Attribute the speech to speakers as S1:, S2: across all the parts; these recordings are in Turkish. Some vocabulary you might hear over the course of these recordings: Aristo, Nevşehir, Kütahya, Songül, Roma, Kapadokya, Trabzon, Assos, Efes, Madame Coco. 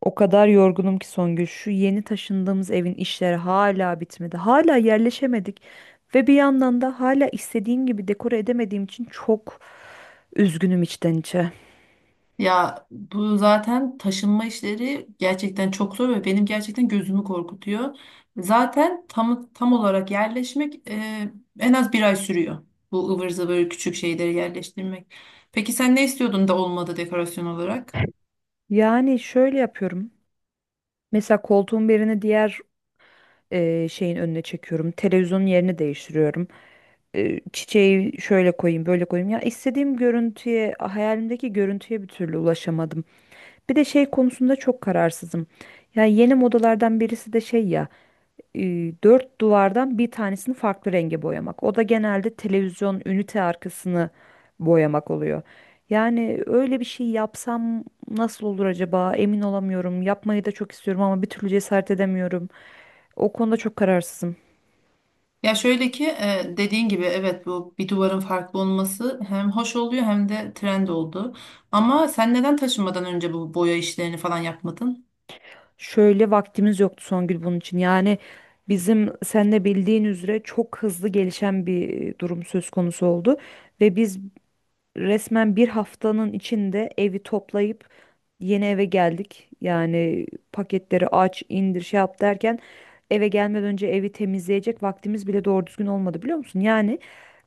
S1: O kadar yorgunum ki Songül. Şu yeni taşındığımız evin işleri hala bitmedi. Hala yerleşemedik. Ve bir yandan da hala istediğim gibi dekore edemediğim için çok üzgünüm içten içe.
S2: Ya bu zaten taşınma işleri gerçekten çok zor ve benim gerçekten gözümü korkutuyor. Zaten tam olarak yerleşmek en az bir ay sürüyor. Bu ıvır zıvır küçük şeyleri yerleştirmek. Peki sen ne istiyordun da olmadı dekorasyon olarak?
S1: Yani şöyle yapıyorum. Mesela koltuğun birini diğer şeyin önüne çekiyorum. Televizyonun yerini değiştiriyorum. Çiçeği şöyle koyayım, böyle koyayım. Ya istediğim görüntüye, hayalimdeki görüntüye bir türlü ulaşamadım. Bir de şey konusunda çok kararsızım. Ya yeni modalardan birisi de şey ya. e, Dört duvardan bir tanesini farklı renge boyamak. O da genelde televizyon ünite arkasını boyamak oluyor. Yani öyle bir şey yapsam nasıl olur acaba? Emin olamıyorum. Yapmayı da çok istiyorum ama bir türlü cesaret edemiyorum. O konuda çok kararsızım.
S2: Ya şöyle ki dediğin gibi evet, bu bir duvarın farklı olması hem hoş oluyor hem de trend oldu. Ama sen neden taşınmadan önce bu boya işlerini falan yapmadın?
S1: Şöyle vaktimiz yoktu Songül bunun için. Yani bizim sen de bildiğin üzere çok hızlı gelişen bir durum söz konusu oldu ve biz resmen bir haftanın içinde evi toplayıp yeni eve geldik. Yani paketleri aç, indir, şey yap derken eve gelmeden önce evi temizleyecek vaktimiz bile doğru düzgün olmadı biliyor musun? Yani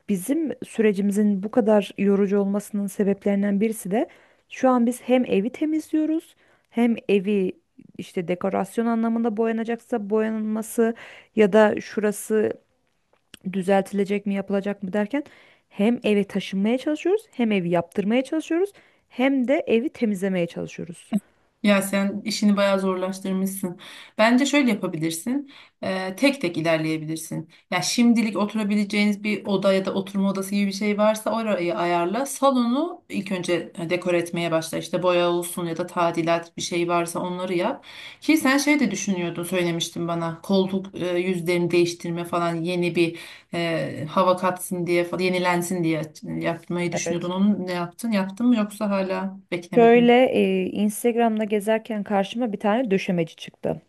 S1: bizim sürecimizin bu kadar yorucu olmasının sebeplerinden birisi de şu an biz hem evi temizliyoruz hem evi işte dekorasyon anlamında boyanacaksa boyanılması ya da şurası düzeltilecek mi yapılacak mı derken hem eve taşınmaya çalışıyoruz hem evi yaptırmaya çalışıyoruz hem de evi temizlemeye çalışıyoruz.
S2: Ya sen işini bayağı zorlaştırmışsın. Bence şöyle yapabilirsin. Tek tek ilerleyebilirsin. Ya şimdilik oturabileceğiniz bir oda ya da oturma odası gibi bir şey varsa orayı ayarla. Salonu ilk önce dekor etmeye başla. İşte boya olsun ya da tadilat bir şey varsa onları yap. Ki sen şey de düşünüyordun, söylemiştin bana. Koltuk yüzlerini değiştirme falan, yeni bir hava katsın diye falan, yenilensin diye yapmayı düşünüyordun.
S1: Evet.
S2: Onu ne yaptın? Yaptın mı yoksa hala beklemedi mi?
S1: Şöyle Instagram'da gezerken karşıma bir tane döşemeci çıktı.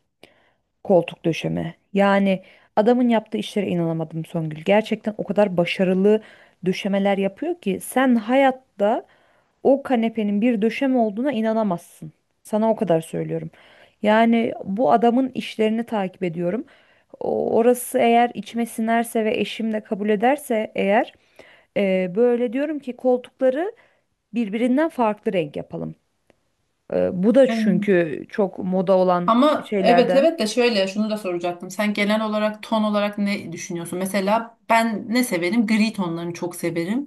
S1: Koltuk döşeme. Yani adamın yaptığı işlere inanamadım Songül. Gerçekten o kadar başarılı döşemeler yapıyor ki sen hayatta o kanepenin bir döşeme olduğuna inanamazsın. Sana o kadar söylüyorum. Yani bu adamın işlerini takip ediyorum. Orası eğer içime sinerse ve eşim de kabul ederse eğer böyle diyorum ki koltukları birbirinden farklı renk yapalım. Bu da
S2: Evet.
S1: çünkü çok moda olan
S2: Ama evet
S1: şeylerden.
S2: evet, de şöyle şunu da soracaktım. Sen genel olarak ton olarak ne düşünüyorsun? Mesela ben ne severim? Gri tonlarını çok severim.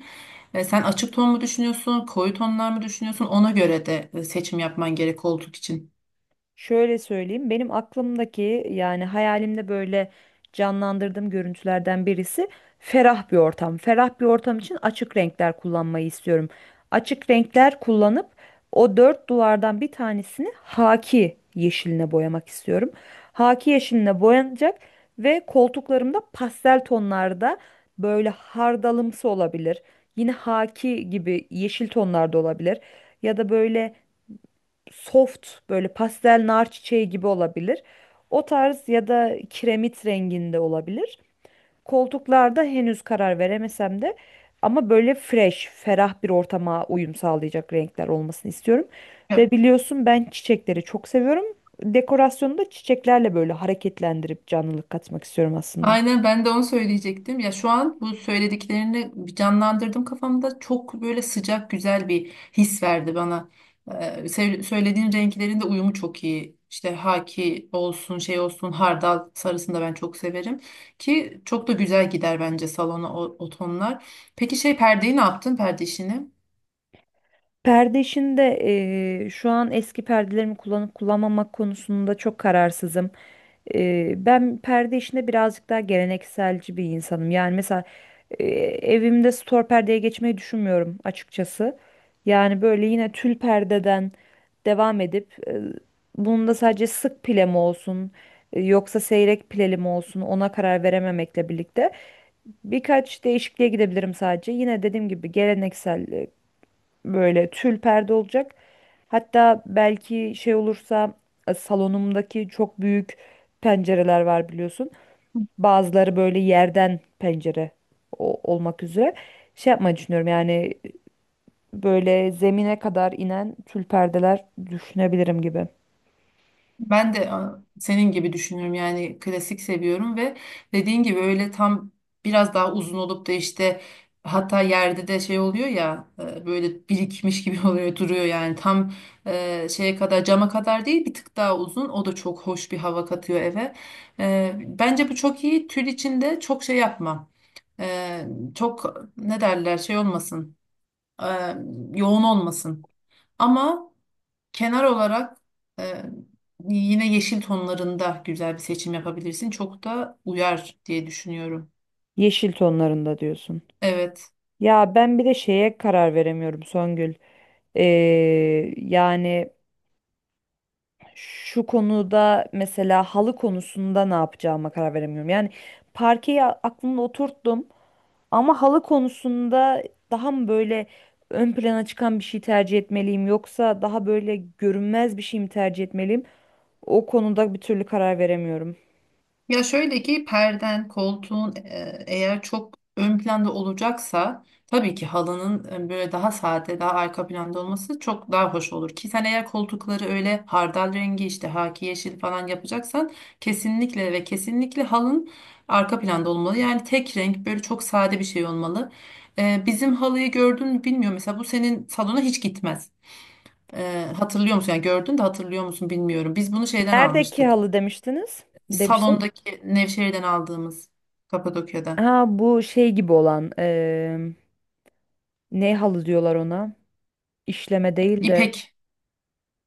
S2: E, sen açık ton mu düşünüyorsun? Koyu tonlar mı düşünüyorsun? Ona göre de seçim yapman gerek koltuk için.
S1: Şöyle söyleyeyim, benim aklımdaki yani hayalimde böyle canlandırdığım görüntülerden birisi ferah bir ortam. Ferah bir ortam için açık renkler kullanmayı istiyorum. Açık renkler kullanıp o dört duvardan bir tanesini haki yeşiline boyamak istiyorum. Haki yeşiline boyanacak ve koltuklarımda pastel tonlarda böyle hardalımsı olabilir. Yine haki gibi yeşil tonlarda olabilir. Ya da böyle soft böyle pastel nar çiçeği gibi olabilir. O tarz ya da kiremit renginde olabilir. Koltuklarda henüz karar veremesem de ama böyle fresh, ferah bir ortama uyum sağlayacak renkler olmasını istiyorum. Ve biliyorsun ben çiçekleri çok seviyorum. Dekorasyonu da çiçeklerle böyle hareketlendirip canlılık katmak istiyorum aslında.
S2: Aynen, ben de onu söyleyecektim. Ya şu an bu söylediklerini canlandırdım kafamda. Çok böyle sıcak güzel bir his verdi bana. Ee, söylediğin renklerin de uyumu çok iyi. İşte haki olsun, şey olsun, hardal sarısını da ben çok severim. Ki çok da güzel gider bence salona o tonlar. Peki şey, perdeyi ne yaptın, perde işini?
S1: Perde işinde şu an eski perdelerimi kullanıp kullanmamak konusunda çok kararsızım. Ben perde işinde birazcık daha gelenekselci bir insanım. Yani mesela eee, evimde stor perdeye geçmeyi düşünmüyorum açıkçası. Yani böyle yine tül perdeden devam edip bunun da sadece sık pile mi olsun yoksa seyrek pileli mi olsun ona karar verememekle birlikte birkaç değişikliğe gidebilirim sadece. Yine dediğim gibi geleneksel böyle tül perde olacak. Hatta belki şey olursa salonumdaki çok büyük pencereler var biliyorsun. Bazıları böyle yerden pencere olmak üzere. Şey yapmayı düşünüyorum yani böyle zemine kadar inen tül perdeler düşünebilirim gibi.
S2: Ben de senin gibi düşünüyorum, yani klasik seviyorum ve dediğin gibi öyle tam biraz daha uzun olup da, işte hatta yerde de şey oluyor ya, böyle birikmiş gibi oluyor duruyor, yani tam şeye kadar, cama kadar değil, bir tık daha uzun, o da çok hoş bir hava katıyor eve. E, bence bu çok iyi. Tül içinde çok şey yapma. E, Çok ne derler, şey olmasın. E, Yoğun olmasın ama... Kenar olarak e, yine yeşil tonlarında güzel bir seçim yapabilirsin. Çok da uyar diye düşünüyorum.
S1: Yeşil tonlarında diyorsun.
S2: Evet.
S1: Ya ben bir de şeye karar veremiyorum Songül. Ee, Yani şu konuda mesela halı konusunda ne yapacağıma karar veremiyorum. Yani parkeyi aklımda oturttum ama halı konusunda daha mı böyle ön plana çıkan bir şey tercih etmeliyim yoksa daha böyle görünmez bir şey mi tercih etmeliyim? O konuda bir türlü karar veremiyorum.
S2: Ya şöyle ki, perden, koltuğun eğer çok ön planda olacaksa, tabii ki halının böyle daha sade, daha arka planda olması çok daha hoş olur. Ki sen eğer koltukları öyle hardal rengi, işte haki yeşil falan yapacaksan, kesinlikle ve kesinlikle halın arka planda olmalı. Yani tek renk, böyle çok sade bir şey olmalı. E, bizim halıyı gördün mü bilmiyorum. Mesela bu senin salona hiç gitmez. E, hatırlıyor musun? Yani gördün de hatırlıyor musun bilmiyorum. Biz bunu şeyden
S1: Neredeki
S2: almıştık.
S1: halı demiştiniz? Demiştim.
S2: Salondaki, Nevşehir'den aldığımız, Kapadokya'da.
S1: Ha bu şey gibi olan ne halı diyorlar ona? İşleme değil de.
S2: İpek.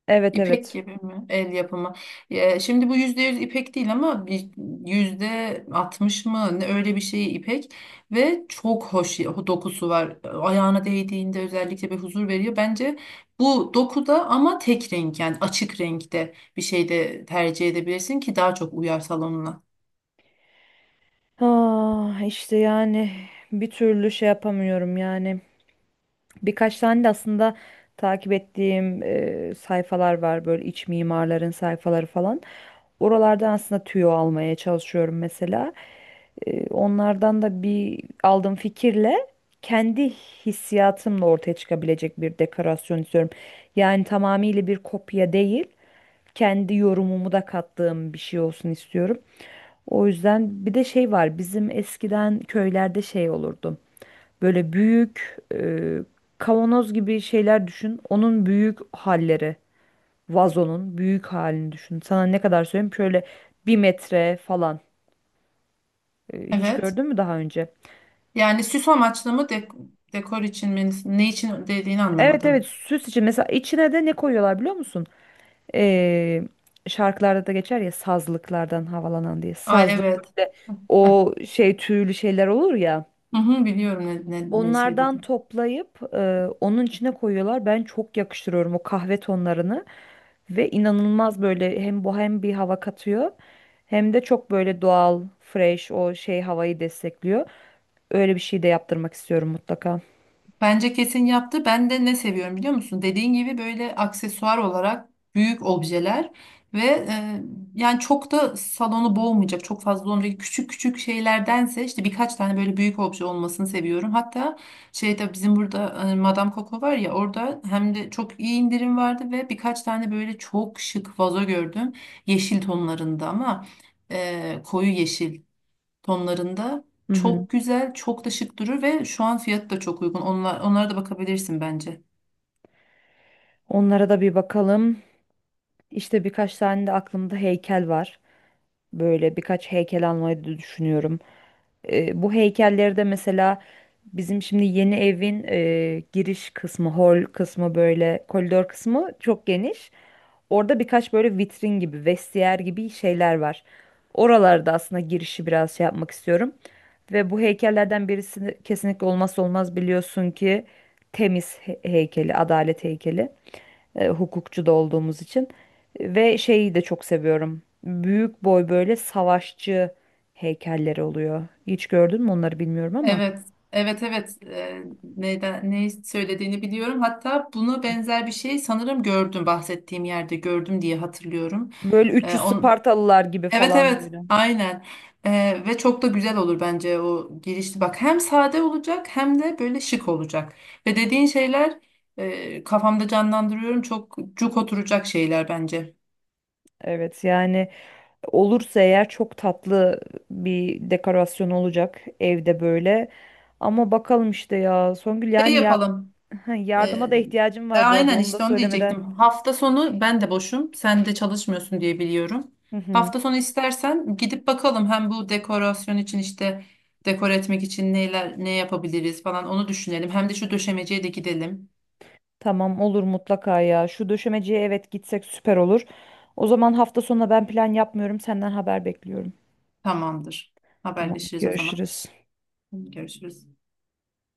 S1: Evet,
S2: İpek
S1: evet.
S2: gibi mi? El yapımı. Ya, şimdi bu %100 ipek değil ama bir %60 mı ne, öyle bir şey ipek, ve çok hoş dokusu var. Ayağına değdiğinde özellikle bir huzur veriyor. Bence bu dokuda, ama tek renk, yani açık renkte bir şey de tercih edebilirsin, ki daha çok uyar salonuna.
S1: Ah işte yani bir türlü şey yapamıyorum yani. Birkaç tane de aslında takip ettiğim sayfalar var böyle iç mimarların sayfaları falan. Oralardan aslında tüyo almaya çalışıyorum mesela. Onlardan da bir aldığım fikirle kendi hissiyatımla ortaya çıkabilecek bir dekorasyon istiyorum. Yani tamamıyla bir kopya değil, kendi yorumumu da kattığım bir şey olsun istiyorum. O yüzden bir de şey var bizim eskiden köylerde şey olurdu. Böyle büyük kavanoz gibi şeyler düşün. Onun büyük halleri, vazonun büyük halini düşün. Sana ne kadar söyleyeyim şöyle 1 metre falan. Hiç
S2: Evet.
S1: gördün mü daha önce?
S2: Yani süs amaçlı mı, dekor için mi, ne için dediğini
S1: Evet, evet,
S2: anlamadım.
S1: süs için mesela içine de ne koyuyorlar biliyor musun? Ee, Şarkılarda da geçer ya sazlıklardan havalanan diye.
S2: Ay
S1: Sazlık
S2: evet.
S1: böyle o şey tüylü şeyler olur ya.
S2: Hı hı, biliyorum ne
S1: Onlardan
S2: söyledi.
S1: toplayıp onun içine koyuyorlar. Ben çok yakıştırıyorum o kahve tonlarını ve inanılmaz böyle hem bohem bir hava katıyor hem de çok böyle doğal, fresh o şey havayı destekliyor. Öyle bir şey de yaptırmak istiyorum mutlaka.
S2: Bence kesin yaptı. Ben de ne seviyorum biliyor musun? Dediğin gibi böyle aksesuar olarak büyük objeler ve yani çok da salonu boğmayacak, çok fazla olmayacak küçük küçük şeylerdense, işte birkaç tane böyle büyük obje olmasını seviyorum. Hatta şeyde, bizim burada Madame Coco var ya, orada hem de çok iyi indirim vardı ve birkaç tane böyle çok şık vazo gördüm. Yeşil tonlarında, ama koyu yeşil tonlarında.
S1: Hı hı.
S2: Çok güzel, çok da şık durur ve şu an fiyatı da çok uygun. Onlara da bakabilirsin bence.
S1: Onlara da bir bakalım. İşte birkaç tane de aklımda heykel var. Böyle birkaç heykel almayı da düşünüyorum. Bu heykelleri de mesela bizim şimdi yeni evin giriş kısmı, hol kısmı böyle koridor kısmı çok geniş. Orada birkaç böyle vitrin gibi, vestiyer gibi şeyler var. Oralarda aslında girişi biraz şey yapmak istiyorum. Ve bu heykellerden birisi kesinlikle olmazsa olmaz biliyorsun ki temiz heykeli, adalet heykeli. Hukukçu da olduğumuz için. Ve şeyi de çok seviyorum. Büyük boy böyle savaşçı heykelleri oluyor. Hiç gördün mü onları bilmiyorum ama.
S2: Evet, evet, evet. Neyden, ne söylediğini biliyorum. Hatta buna benzer bir şey sanırım gördüm, bahsettiğim yerde gördüm diye hatırlıyorum.
S1: Böyle
S2: Ee,
S1: 300
S2: on,
S1: Spartalılar gibi
S2: evet,
S1: falan
S2: evet,
S1: böyle.
S2: aynen. Ve çok da güzel olur bence o girişli. Bak, hem sade olacak hem de böyle şık olacak. Ve dediğin şeyler kafamda canlandırıyorum. Çok cuk oturacak şeyler bence.
S1: Evet yani olursa eğer çok tatlı bir dekorasyon olacak evde böyle. Ama bakalım işte ya Songül
S2: Şey
S1: yani ya,
S2: yapalım. E,
S1: yardıma da ihtiyacım var bu arada
S2: aynen,
S1: onu da
S2: işte onu
S1: söylemeden.
S2: diyecektim. Hafta sonu ben de boşum. Sen de çalışmıyorsun diye biliyorum. Hafta sonu istersen gidip bakalım, hem bu dekorasyon için, işte dekor etmek için neler, ne yapabiliriz falan, onu düşünelim. Hem de şu döşemeciye de gidelim.
S1: Tamam, olur mutlaka ya. Şu döşemeciye, evet, gitsek süper olur. O zaman hafta sonuna ben plan yapmıyorum. Senden haber bekliyorum.
S2: Tamamdır.
S1: Tamam,
S2: Haberleşiriz o zaman.
S1: görüşürüz.
S2: Görüşürüz.